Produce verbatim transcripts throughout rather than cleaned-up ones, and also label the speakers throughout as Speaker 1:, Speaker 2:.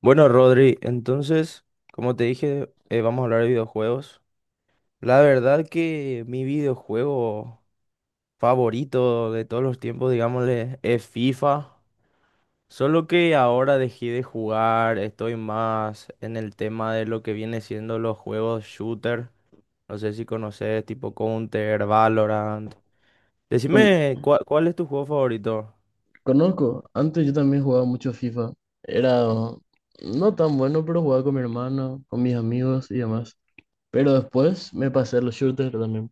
Speaker 1: Bueno, Rodri, entonces, como te dije, eh, vamos a hablar de videojuegos. La verdad que mi videojuego favorito de todos los tiempos, digámosle, es FIFA. Solo que ahora dejé de jugar, estoy más en el tema de lo que viene siendo los juegos shooter. No sé si conoces, tipo Counter, Valorant.
Speaker 2: Con-
Speaker 1: Decime, ¿cuál, cuál es tu juego favorito?
Speaker 2: Conozco, antes yo también jugaba mucho FIFA. Era no tan bueno, pero jugaba con mi hermano, con mis amigos y demás. Pero después me pasé a los shooters también.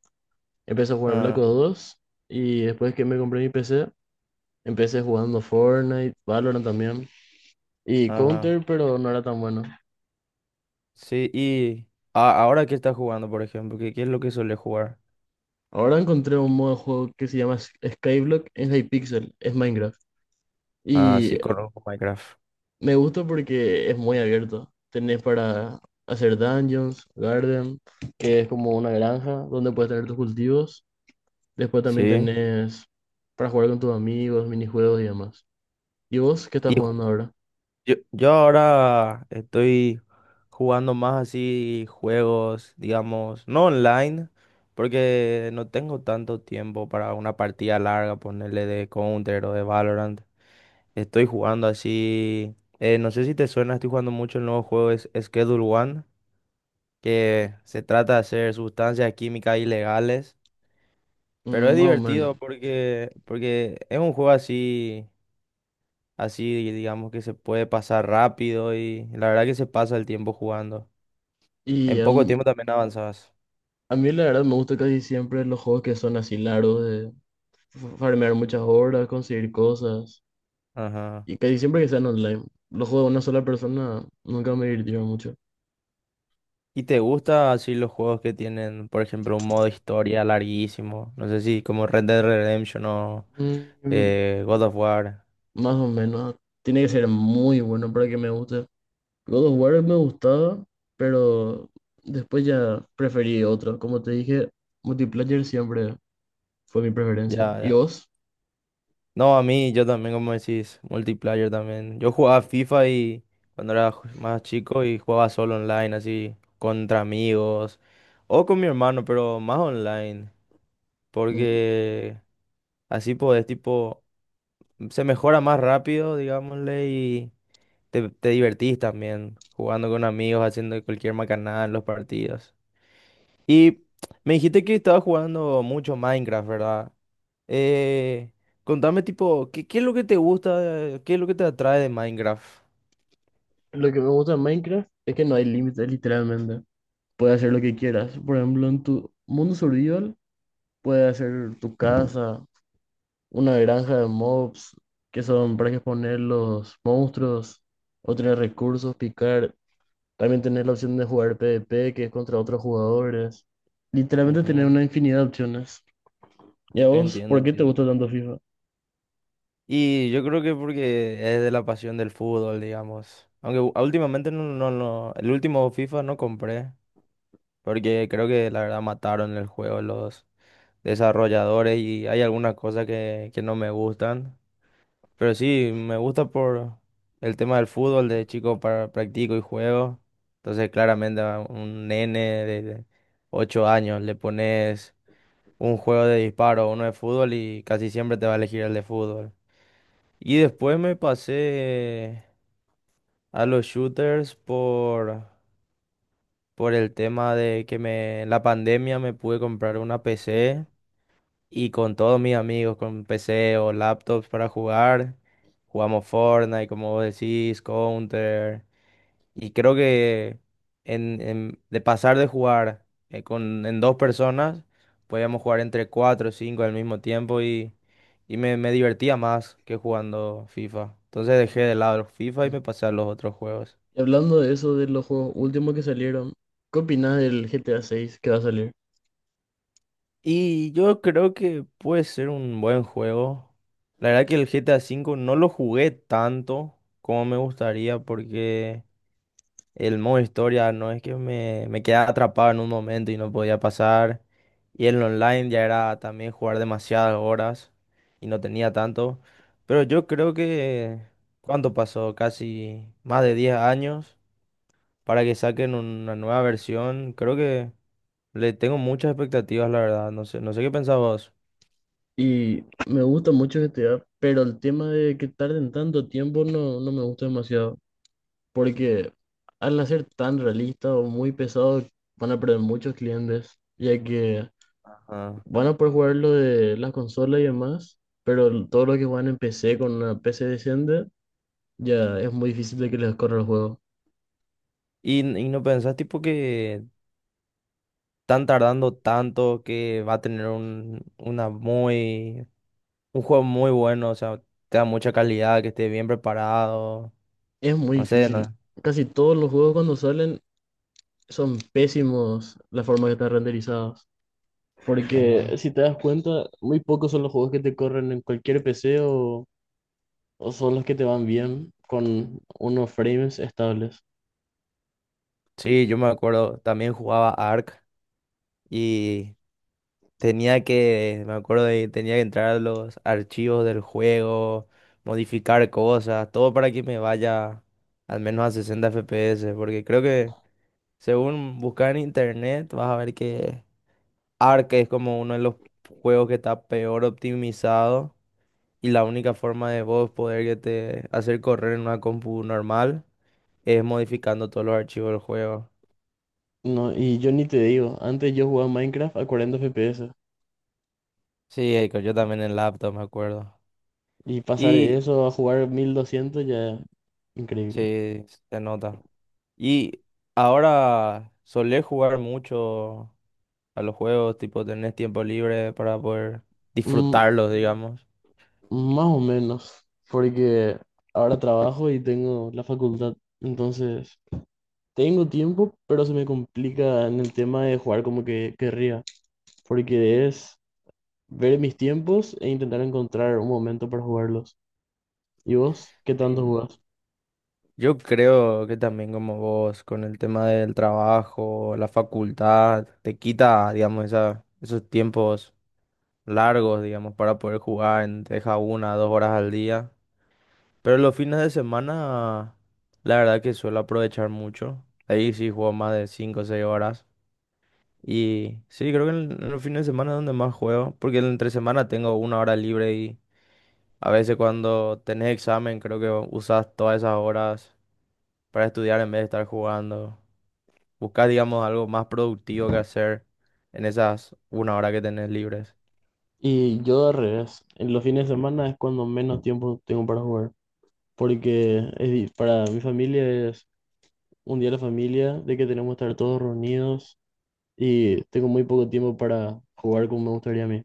Speaker 2: Empecé a jugar Black
Speaker 1: Ah,
Speaker 2: Ops dos y después que me compré mi P C, empecé jugando Fortnite, Valorant también y
Speaker 1: ajá.
Speaker 2: Counter, pero no era tan bueno.
Speaker 1: Sí, y a- ahora qué estás jugando, por ejemplo, ¿qué, qué es lo que suele jugar?
Speaker 2: Ahora encontré un modo de juego que se llama Sk- Skyblock, es de Hypixel, es Minecraft.
Speaker 1: Ah,
Speaker 2: Y
Speaker 1: sí, conozco Minecraft.
Speaker 2: me gusta porque es muy abierto. Tenés para hacer dungeons, garden, que es como una granja donde puedes tener tus cultivos. Después también
Speaker 1: Sí.
Speaker 2: tenés para jugar con tus amigos, minijuegos y demás. ¿Y vos qué estás
Speaker 1: Y ju-
Speaker 2: jugando ahora?
Speaker 1: yo, yo ahora estoy jugando más así juegos, digamos, no online, porque no tengo tanto tiempo para una partida larga, ponerle de Counter o de Valorant. Estoy jugando así, eh, no sé si te suena, estoy jugando mucho el nuevo juego es Schedule One, que se trata de hacer sustancias químicas ilegales, pero
Speaker 2: Mm,
Speaker 1: es
Speaker 2: más o menos.
Speaker 1: divertido porque, porque es un juego así. Así digamos que se puede pasar rápido y la verdad que se pasa el tiempo jugando.
Speaker 2: Y
Speaker 1: En
Speaker 2: a
Speaker 1: poco
Speaker 2: mí,
Speaker 1: tiempo también avanzas.
Speaker 2: a mí la verdad me gusta casi siempre los juegos que son así largos, f- farmear muchas horas, conseguir cosas.
Speaker 1: Ajá.
Speaker 2: Y casi siempre que sean online. Los juegos de una sola persona nunca me divirtieron mucho.
Speaker 1: ¿Y te gusta así los juegos que tienen, por ejemplo, un modo historia larguísimo? No sé si como Red Dead Redemption o
Speaker 2: Mm,
Speaker 1: eh, God of War.
Speaker 2: más o menos. Tiene que ser muy bueno para que me guste. God of War me gustaba, pero después ya preferí otro. Como te dije, multiplayer siempre fue mi preferencia.
Speaker 1: Ya,
Speaker 2: ¿Y
Speaker 1: ya.
Speaker 2: vos?
Speaker 1: No, a mí yo también, como decís, multiplayer también. Yo jugaba FIFA y cuando era ju- más chico y jugaba solo online, así, contra amigos o con mi hermano, pero más online.
Speaker 2: Mm.
Speaker 1: Porque así podés, tipo, se mejora más rápido, digámosle, y te, te divertís también jugando con amigos, haciendo cualquier macanada en los partidos. Y me dijiste que estabas jugando mucho Minecraft, ¿verdad? Eh, contame, tipo, ¿qué, qué es lo que te gusta, qué es lo que te atrae de Minecraft?
Speaker 2: Lo que me gusta de Minecraft es que no hay límites, literalmente. Puedes hacer lo que quieras. Por ejemplo, en tu mundo survival, puedes hacer tu casa, una granja de mobs que son para exponer los monstruos, otros recursos, picar. También tener la opción de jugar PvP, que es contra otros jugadores. Literalmente tener
Speaker 1: Ujú.
Speaker 2: una infinidad de opciones. ¿Y a vos,
Speaker 1: Entiendo,
Speaker 2: por qué te gusta
Speaker 1: entiendo.
Speaker 2: tanto FIFA?
Speaker 1: Y yo creo que porque es de la pasión del fútbol, digamos. Aunque u- últimamente no, no, no, el último FIFA no compré. Porque creo que la verdad mataron el juego los desarrolladores y hay algunas cosas que, que no me gustan. Pero sí, me gusta por el tema del fútbol, de chico para, practico y juego. Entonces claramente a un nene de ocho años le pones un juego de disparo, uno de fútbol y casi siempre te va a elegir el de fútbol. Y después me pasé a los shooters por, por el tema de que me, en la pandemia me pude comprar una P C. Y con todos mis amigos, con P C o laptops para jugar, jugamos Fortnite, como vos decís, Counter. Y creo que en, en- de pasar de jugar eh, con, en dos personas, podíamos jugar entre cuatro o cinco al mismo tiempo y, y me, me divertía más que jugando FIFA. Entonces dejé de lado el FIFA y me pasé a los otros juegos.
Speaker 2: Y hablando de eso, de los juegos últimos que salieron, ¿qué opinas del G T A seis que va a salir?
Speaker 1: Y yo creo que puede ser un buen juego. La verdad que el G T A V no lo jugué tanto como me gustaría porque el modo historia no es que me, me quedaba atrapado en un momento y no podía pasar. Y el online ya era también jugar demasiadas horas y no tenía tanto. Pero yo creo que, ¿cuánto pasó? Casi más de diez años para que saquen una nueva versión. Creo que le tengo muchas expectativas, la verdad. No sé, no sé qué pensabas.
Speaker 2: Y me gusta mucho G T A, pero el tema de que tarden tanto tiempo no, no me gusta demasiado, porque al hacer tan realista o muy pesado van a perder muchos clientes, ya que
Speaker 1: Ah,
Speaker 2: van a poder jugar lo de las consolas y demás, pero l- todo lo que juegan en P C con una P C decente ya es muy difícil de que les corra el juego.
Speaker 1: y, y no pensás tipo que están tardando tanto que va a tener un, una muy, un juego muy bueno, o sea, te da mucha calidad, que esté bien preparado,
Speaker 2: Es muy
Speaker 1: no sé,
Speaker 2: difícil.
Speaker 1: no-
Speaker 2: Casi todos los juegos cuando salen son pésimos la forma que están renderizados. Porque
Speaker 1: ajá.
Speaker 2: si te das cuenta, muy pocos son los juegos que te corren en cualquier P C o, o son los que te van bien con unos frames estables.
Speaker 1: Sí, yo me acuerdo, también jugaba Ark y tenía que, me acuerdo de, tenía que entrar a los archivos del juego, modificar cosas, todo para que me vaya al menos a sesenta F P S, porque creo que según buscar en internet vas a ver que Ark es como uno de los juegos que está peor optimizado y la única forma de vos poder que te hacer correr en una compu normal es modificando todos los archivos del juego.
Speaker 2: No, y yo ni te digo, antes yo jugaba Minecraft a cuarenta F P S
Speaker 1: Sí, Eiko, yo también en laptop me acuerdo.
Speaker 2: y pasar
Speaker 1: Y
Speaker 2: eso a jugar mil doscientos ya increíble.
Speaker 1: sí, se nota. Y ahora solés jugar mucho a los juegos, tipo tenés tiempo libre para poder
Speaker 2: Mm,
Speaker 1: disfrutarlos, digamos.
Speaker 2: más o menos, porque ahora trabajo y tengo la facultad, entonces tengo tiempo, pero se me complica en el tema de jugar como que querría, porque es ver mis tiempos e intentar encontrar un momento para jugarlos. ¿Y vos qué tanto
Speaker 1: Sí.
Speaker 2: jugás?
Speaker 1: Yo creo que también como vos, con el tema del trabajo, la facultad, te quita, digamos, esa, esos tiempos largos, digamos, para poder jugar, en- te deja una, dos horas al día. Pero los fines de semana, la verdad que suelo aprovechar mucho. Ahí sí juego más de cinco o seis horas. Y sí, creo que en, en los fines de semana es donde más juego, porque en entre semana tengo una hora libre y a veces cuando tenés examen creo que usas todas esas horas para estudiar en vez de estar jugando. Buscar, digamos, algo más productivo que hacer en esas una hora que tenés libres.
Speaker 2: Y yo al revés, en los fines de semana es cuando menos tiempo tengo para jugar, porque es, di- para mi familia es un día de la familia, de que tenemos que estar todos reunidos y tengo muy poco tiempo para jugar como me gustaría a mí.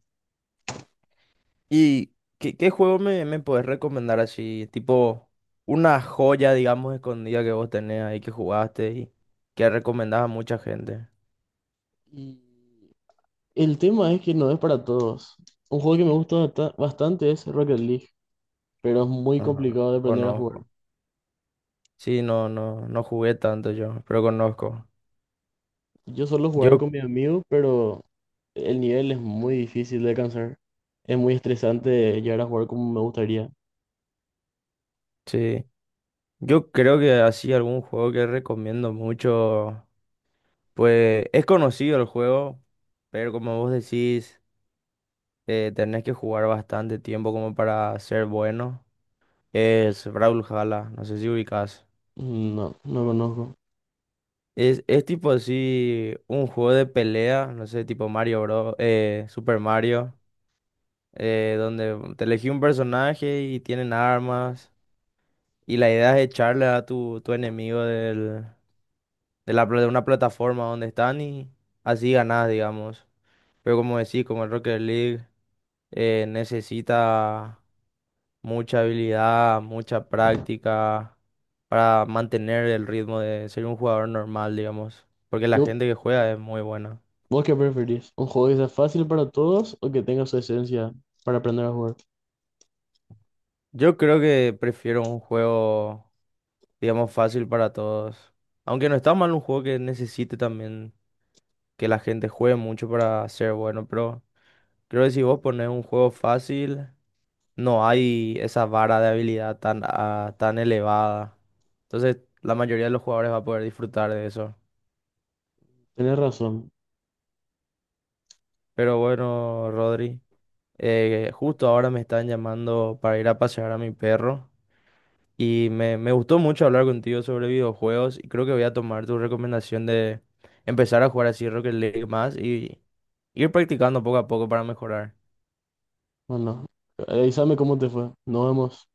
Speaker 1: ¿Y qué, qué juego me, me podés recomendar así? Tipo, una joya, digamos, escondida que vos tenés ahí que jugaste y que recomendás a mucha gente.
Speaker 2: Y el tema es que no es para todos. Un juego que me gusta basta- bastante es Rocket League, pero es muy
Speaker 1: Ajá,
Speaker 2: complicado de aprender a jugar.
Speaker 1: conozco. Sí, no, no, no jugué tanto yo, pero conozco.
Speaker 2: Yo suelo jugar
Speaker 1: Yo,
Speaker 2: con mis amigos, pero el nivel es muy difícil de alcanzar. Es muy estresante llegar a jugar como me gustaría.
Speaker 1: sí, yo creo que así algún juego que recomiendo mucho, pues es conocido el juego, pero como vos decís… eh, tenés que jugar bastante tiempo como para ser bueno. Es Brawlhalla, no sé si ubicás.
Speaker 2: No, no conozco.
Speaker 1: Es, es tipo así un juego de pelea, no sé, tipo Mario Bros, eh, Super Mario, eh, donde te elegí un personaje y tienen armas. Y la idea es echarle a tu, tu enemigo del, de, la, pla- de una plataforma donde están y así ganás, digamos. Pero como decís, como el Rocket League eh, necesita mucha habilidad, mucha práctica para mantener el ritmo de ser un jugador normal, digamos, porque la
Speaker 2: Yo,
Speaker 1: gente que juega es muy buena.
Speaker 2: ¿vos qué preferís? ¿Un juego que sea fácil para todos o que tenga su esencia para aprender a jugar?
Speaker 1: Yo creo que prefiero un juego, digamos, fácil para todos. Aunque no está mal un juego que necesite también que la gente juegue mucho para ser bueno, pero creo que si vos pones un juego fácil, no hay esa vara de habilidad tan, ah, tan elevada. Entonces, la mayoría de los jugadores va a poder disfrutar de eso.
Speaker 2: Tenés razón.
Speaker 1: Pero bueno, Rodri, Eh, justo ahora me están llamando para ir a pasear a mi perro y me, me gustó mucho hablar contigo sobre videojuegos y creo que voy a tomar tu recomendación de empezar a jugar así Rocket League más y ir practicando poco a poco para mejorar.
Speaker 2: Bueno, avísame cómo te fue. Nos vemos.